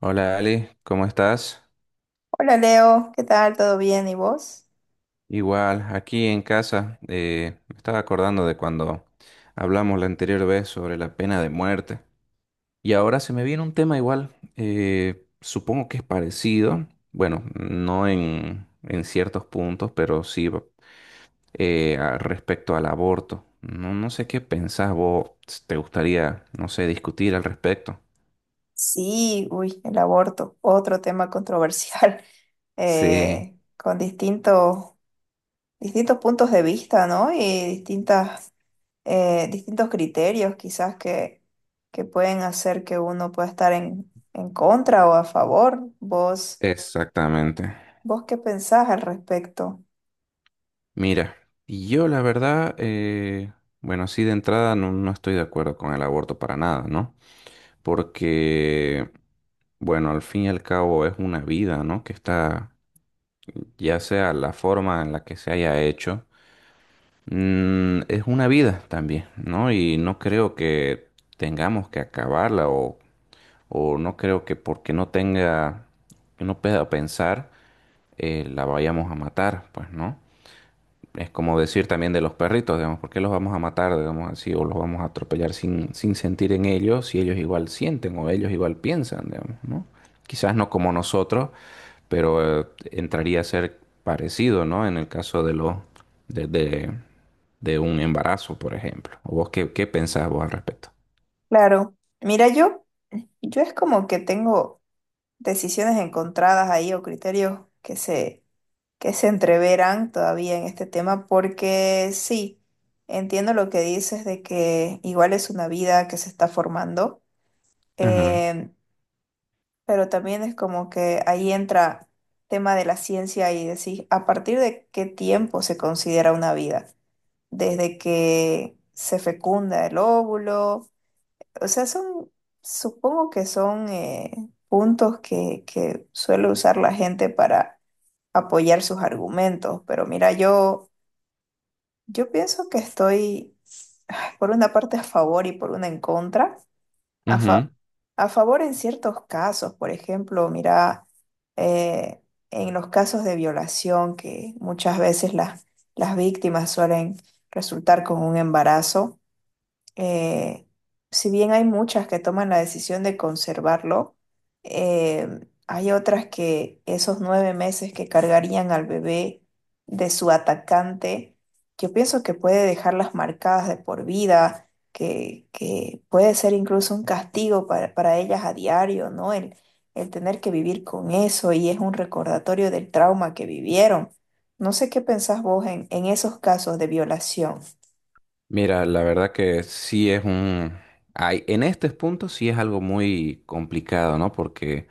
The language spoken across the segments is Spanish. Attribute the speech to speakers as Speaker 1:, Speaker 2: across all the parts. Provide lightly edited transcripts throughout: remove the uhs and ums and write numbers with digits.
Speaker 1: Hola Ali, ¿cómo estás?
Speaker 2: Hola Leo, ¿qué tal? ¿Todo bien? ¿Y vos?
Speaker 1: Igual, aquí en casa, me estaba acordando de cuando hablamos la anterior vez sobre la pena de muerte. Y ahora se me viene un tema igual, supongo que es parecido, bueno, no en ciertos puntos, pero sí respecto al aborto. No, no sé qué pensás vos, te gustaría, no sé, discutir al respecto.
Speaker 2: Sí, uy, el aborto, otro tema controversial,
Speaker 1: Sí,
Speaker 2: con distintos puntos de vista, ¿no? Y distintas, distintos criterios quizás que pueden hacer que uno pueda estar en contra o a favor. ¿Vos,
Speaker 1: exactamente.
Speaker 2: vos qué pensás al respecto?
Speaker 1: Mira, y yo la verdad, bueno, sí de entrada no, no estoy de acuerdo con el aborto para nada, ¿no? Porque, bueno, al fin y al cabo es una vida, ¿no? Que está, ya sea la forma en la que se haya hecho, es una vida también, ¿no? Y no creo que tengamos que acabarla o no creo que porque no tenga, que no pueda pensar, la vayamos a matar, pues, ¿no? Es como decir también de los perritos, digamos, ¿por qué los vamos a matar, digamos así, o los vamos a atropellar sin, sin sentir en ellos, si ellos igual sienten o ellos igual piensan, digamos, ¿no? Quizás no como nosotros, pero entraría a ser parecido, ¿no? En el caso de los de, de, de un embarazo, por ejemplo. ¿O vos qué, qué pensás vos al respecto?
Speaker 2: Claro, mira, yo es como que tengo decisiones encontradas ahí o criterios que se entreveran todavía en este tema, porque sí, entiendo lo que dices de que igual es una vida que se está formando,
Speaker 1: Ajá.
Speaker 2: eh, pero también es como que ahí entra tema de la ciencia y decir, ¿a partir de qué tiempo se considera una vida? Desde que se fecunda el óvulo, o sea, supongo que son puntos que suele usar la gente para apoyar sus argumentos, pero mira, yo pienso que estoy por una parte a favor y por una en contra. A, fa-
Speaker 1: Ujú.
Speaker 2: a favor en ciertos casos, por ejemplo, mira, eh, en los casos de violación que muchas veces las víctimas suelen resultar con un embarazo, eh, si bien hay muchas que toman la decisión de conservarlo. eh, Hay otras que esos 9 meses que cargarían al bebé de su atacante, yo pienso que puede dejarlas marcadas de por vida, que puede ser incluso un castigo para ellas a diario, ¿no? El tener que vivir con eso y es un recordatorio del trauma que vivieron. No sé qué pensás vos en esos casos de violación.
Speaker 1: Mira, la verdad que sí es un... Hay, en este punto sí es algo muy complicado, ¿no? Porque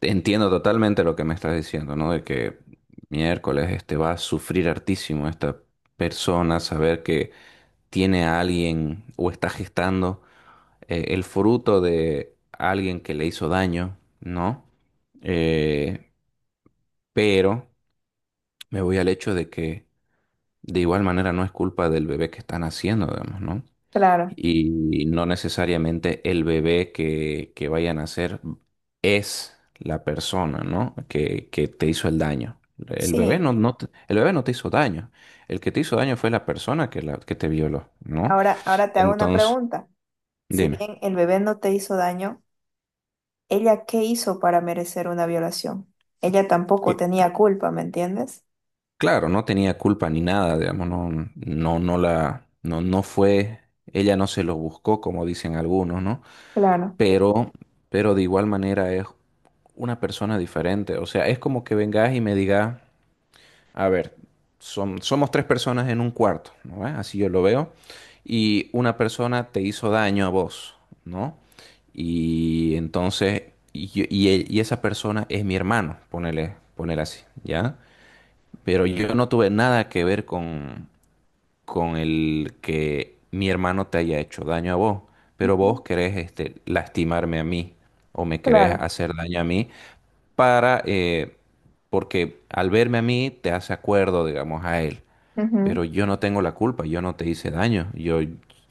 Speaker 1: entiendo totalmente lo que me estás diciendo, ¿no? De que miércoles este va a sufrir hartísimo esta persona, saber que tiene a alguien o está gestando el fruto de alguien que le hizo daño, ¿no? Eh, pero me voy al hecho de que de igual manera no es culpa del bebé que están haciendo, digamos, ¿no?
Speaker 2: Claro,
Speaker 1: Y no necesariamente el bebé que vayan a nacer es la persona, ¿no? Que te hizo el daño. El bebé
Speaker 2: sí.
Speaker 1: no, no te, el bebé no te hizo daño. El que te hizo daño fue la persona que, la, que te violó, ¿no?
Speaker 2: Ahora te hago una
Speaker 1: Entonces,
Speaker 2: pregunta. Si
Speaker 1: dime.
Speaker 2: bien el bebé no te hizo daño, ¿ella qué hizo para merecer una violación? Ella tampoco
Speaker 1: Cl-
Speaker 2: tenía culpa, ¿me entiendes?
Speaker 1: Claro, no tenía culpa ni nada, digamos, no, no, no la, no, no fue, ella no se lo buscó, como dicen algunos, ¿no?
Speaker 2: Claro,
Speaker 1: Pero, pero de igual manera es una persona diferente. O sea, es como que vengas y me digas. A ver, somos tres personas en un cuarto, ¿no? ¿Ve? Así yo lo veo. Y una persona te hizo daño a vos, ¿no? Y entonces, y esa persona es mi hermano, ponele, ponele así, ¿ya? Pero yo no tuve nada que ver con el que mi hermano te haya hecho daño a vos, pero vos querés este, lastimarme a mí o me querés
Speaker 2: claro.
Speaker 1: hacer daño a mí para, porque al verme a mí te hace acuerdo, digamos, a él.
Speaker 2: Ujú.
Speaker 1: Pero yo no tengo la culpa, yo no te hice daño, yo,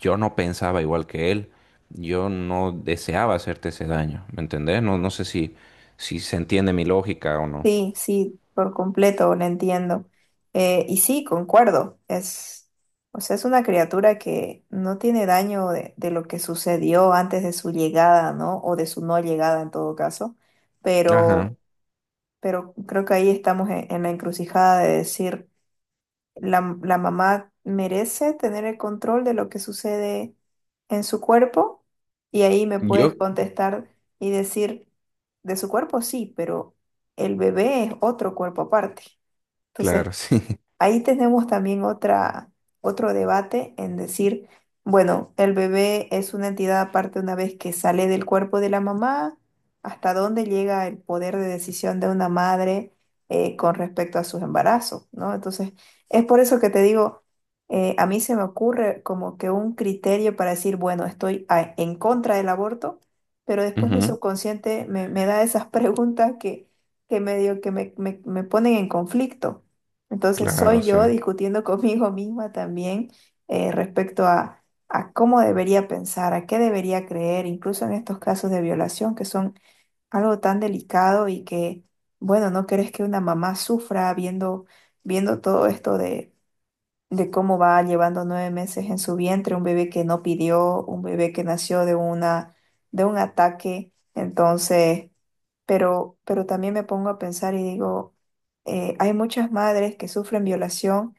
Speaker 1: yo no pensaba igual que él, yo no deseaba hacerte ese daño, ¿me entendés? No, no sé si, si se entiende mi lógica o no.
Speaker 2: Sí, sí, por completo, lo entiendo. Y sí, concuerdo. O sea, es una criatura que no tiene daño de lo que sucedió antes de su llegada, ¿no? O de su no llegada en todo caso.
Speaker 1: Ajá.
Speaker 2: Pero, pero creo que ahí estamos en la encrucijada de decir, la mamá merece tener el control de lo que sucede en su cuerpo, y ahí me puedes
Speaker 1: Yo,
Speaker 2: contestar y decir, de su cuerpo sí, pero el bebé es otro cuerpo aparte.
Speaker 1: claro,
Speaker 2: Entonces,
Speaker 1: sí.
Speaker 2: ahí tenemos también otro debate en decir, bueno, el bebé es una entidad aparte una vez que sale del cuerpo de la mamá. ¿Hasta dónde llega el poder de decisión de una madre con respecto a sus embarazos, ¿no? Entonces, es por eso que te digo, a mí se me ocurre como que un criterio para decir, bueno, estoy en contra del aborto, pero después mi
Speaker 1: Ujú,
Speaker 2: subconsciente me da esas preguntas que medio que me ponen en conflicto. Entonces
Speaker 1: claro,
Speaker 2: soy
Speaker 1: sí.
Speaker 2: yo discutiendo conmigo misma también, respecto a cómo debería pensar, a qué debería creer, incluso en estos casos de violación que son algo tan delicado y que, bueno, no querés que una mamá sufra viendo todo esto de cómo va llevando 9 meses en su vientre, un bebé que no pidió, un bebé que nació de de un ataque. Entonces, pero también me pongo a pensar y digo, hay muchas madres que sufren violación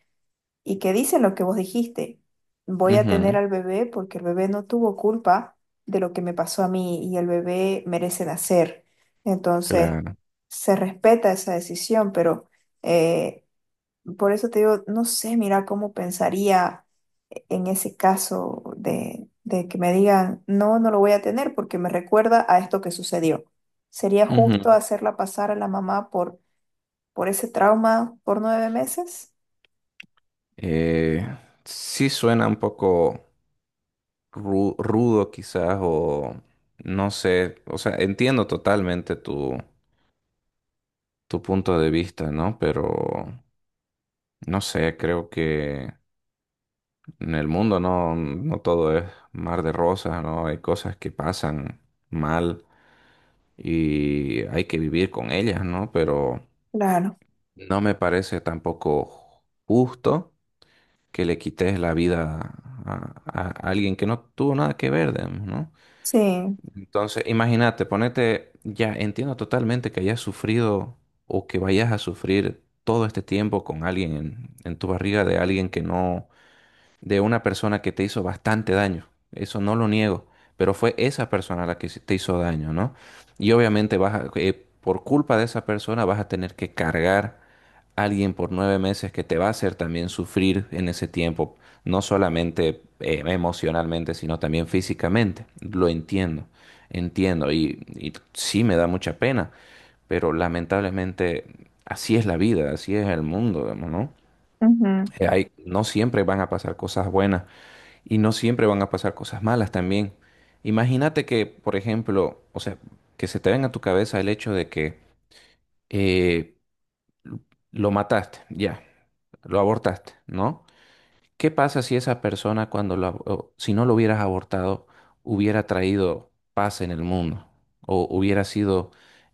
Speaker 2: y que dicen lo que vos dijiste, voy a tener
Speaker 1: Ujú.
Speaker 2: al bebé porque el bebé no tuvo culpa de lo que me pasó a mí y el bebé merece nacer. Entonces,
Speaker 1: Claro.
Speaker 2: se respeta esa decisión, pero eh, por eso te digo, no sé, mira cómo pensaría en ese caso de que me digan, no, no lo voy a tener porque me recuerda a esto que sucedió. ¿Sería justo
Speaker 1: Ujú.
Speaker 2: hacerla pasar a la mamá por ese trauma por 9 meses?
Speaker 1: Eh, sí suena un poco rudo quizás o no sé, o sea, entiendo totalmente tu, tu punto de vista, ¿no? Pero no sé, creo que en el mundo no, no todo es mar de rosas, ¿no? Hay cosas que pasan mal y hay que vivir con ellas, ¿no? Pero
Speaker 2: Claro,
Speaker 1: no me parece tampoco justo que le quites la vida a, alguien que no tuvo nada que ver, digamos, ¿no?
Speaker 2: sí,
Speaker 1: Entonces, imagínate, ponete, ya entiendo totalmente que hayas sufrido o que vayas a sufrir todo este tiempo con alguien en tu barriga de alguien que no de una persona que te hizo bastante daño. Eso no lo niego, pero fue esa persona la que te hizo daño, ¿no? Y obviamente por culpa de esa persona vas a tener que cargar a alguien por 9 meses que te va a hacer también sufrir en ese tiempo, no solamente emocionalmente, sino también físicamente. Lo entiendo, entiendo y sí me da mucha pena, pero lamentablemente así es la vida, así es el mundo, digamos, ¿no?
Speaker 2: ujú,
Speaker 1: No siempre van a pasar cosas buenas y no siempre van a pasar cosas malas también. Imagínate que, por ejemplo, o sea, que se te venga a tu cabeza el hecho de que eh, lo mataste, ya, lo abortaste, ¿no? ¿Qué pasa si esa persona, cuando o si no lo hubieras abortado, hubiera traído paz en el mundo? O hubiera sido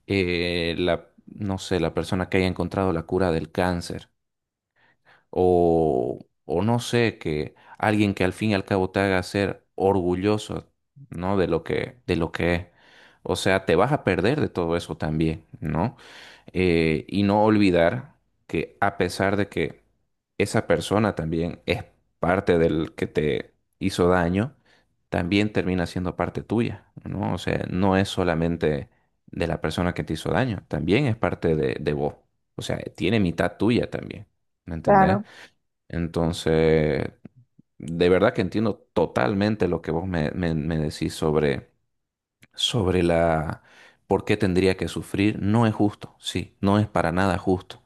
Speaker 1: la, no sé, la persona que haya encontrado la cura del cáncer. O, o no sé, que alguien que al fin y al cabo te haga ser orgulloso, ¿no? De lo que es. O sea, te vas a perder de todo eso también, ¿no? Y no olvidar que a pesar de que esa persona también es parte del que te hizo daño, también termina siendo parte tuya, ¿no? O sea, no es solamente de la persona que te hizo daño, también es parte de vos. O sea, tiene mitad tuya también, ¿me entendés?
Speaker 2: claro,
Speaker 1: Entonces, de verdad que entiendo totalmente lo que vos me, me decís sobre, sobre la por qué tendría que sufrir. No es justo, sí, no es para nada justo.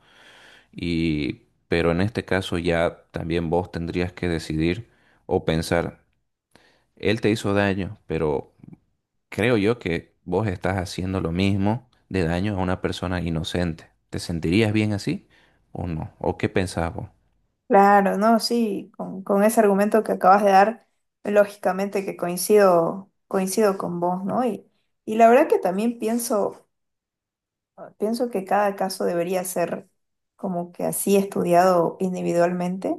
Speaker 1: Y, pero en este caso ya también vos tendrías que decidir o pensar, él te hizo daño, pero creo yo que vos estás haciendo lo mismo de daño a una persona inocente. ¿Te sentirías bien así o no? ¿O qué pensás vos?
Speaker 2: claro, no, sí, con ese argumento que acabas de dar, lógicamente que coincido, coincido con vos, ¿no? Y la verdad que también pienso, pienso que cada caso debería ser como que así estudiado individualmente.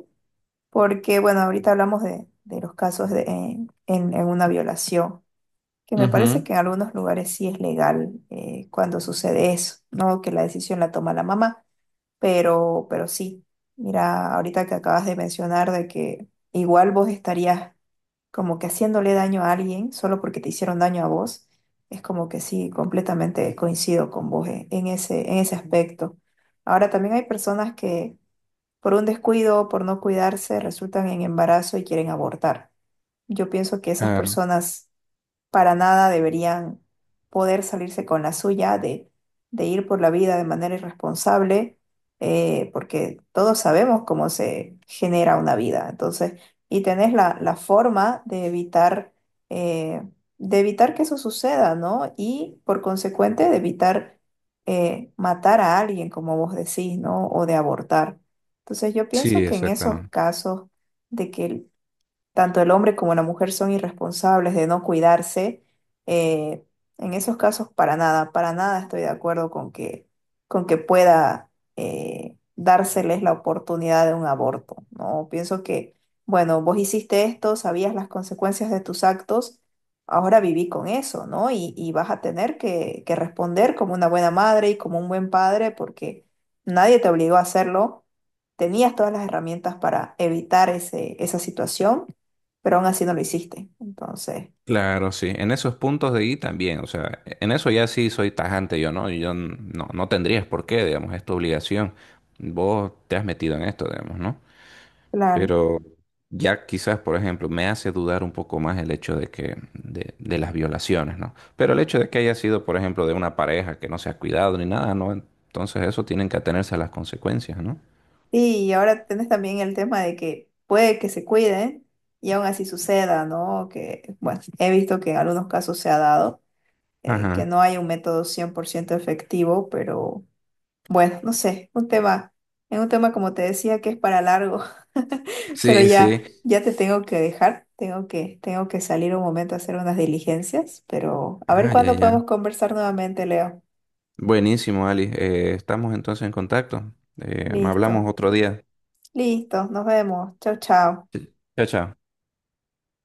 Speaker 2: Porque, bueno, ahorita hablamos de los casos de, en una violación, que me parece
Speaker 1: Ujú,
Speaker 2: que en algunos lugares sí es legal cuando sucede eso, ¿no? Que la decisión la toma la mamá. Pero sí, mira, ahorita que acabas de mencionar de que igual vos estarías como que haciéndole daño a alguien solo porque te hicieron daño a vos, es como que sí, completamente coincido con vos, en ese aspecto. Ahora, también hay personas que por un descuido, por no cuidarse, resultan en embarazo y quieren abortar. Yo pienso que esas
Speaker 1: claro.
Speaker 2: personas para nada, deberían poder salirse con la suya de ir por la vida de manera irresponsable, porque todos sabemos cómo se genera una vida. Entonces, y tenés la forma eh, de evitar que eso suceda, ¿no? Y por consecuente, de evitar matar a alguien, como vos decís, ¿no? O de abortar. Entonces, yo pienso
Speaker 1: Sí,
Speaker 2: que en esos
Speaker 1: exactamente.
Speaker 2: casos de que tanto el hombre como la mujer son irresponsables de no cuidarse, eh, en esos casos para nada estoy de acuerdo con que pueda dárseles la oportunidad de un aborto, ¿no? Pienso que, bueno, vos hiciste esto, sabías las consecuencias de tus actos, ahora viví con eso, ¿no? Y vas a tener que responder como una buena madre y como un buen padre porque nadie te obligó a hacerlo. Tenías todas las herramientas para evitar esa situación, pero aún así no lo hiciste. Entonces,
Speaker 1: Claro, sí. En esos puntos de ahí también, o sea, en eso ya sí soy tajante yo, ¿no? Yo no, no tendrías por qué, digamos, es tu obligación. Vos te has metido en esto, digamos, ¿no?
Speaker 2: claro.
Speaker 1: Pero ya quizás, por ejemplo, me hace dudar un poco más el hecho de que, de las violaciones, ¿no? Pero el hecho de que haya sido, por ejemplo, de una pareja que no se ha cuidado ni nada, ¿no? Entonces eso tienen que atenerse a las consecuencias, ¿no?
Speaker 2: Y ahora tienes también el tema de que puede que se cuiden y aún así suceda, ¿no? Que, bueno, he visto que en algunos casos se ha dado, que
Speaker 1: Ajá.
Speaker 2: no hay un método 100% efectivo. Pero bueno, no sé, un tema, es un tema como te decía que es para largo, pero
Speaker 1: Sí,
Speaker 2: ya,
Speaker 1: sí.
Speaker 2: ya te tengo que dejar, tengo que salir un momento a hacer unas diligencias, pero a ver
Speaker 1: Ah, ya,
Speaker 2: cuándo
Speaker 1: ya.
Speaker 2: podemos conversar nuevamente, Leo.
Speaker 1: Buenísimo, Ali. Estamos entonces en contacto. Hablamos
Speaker 2: Listo.
Speaker 1: otro día.
Speaker 2: Listo, nos vemos. Chau, chau.
Speaker 1: Chao, chao.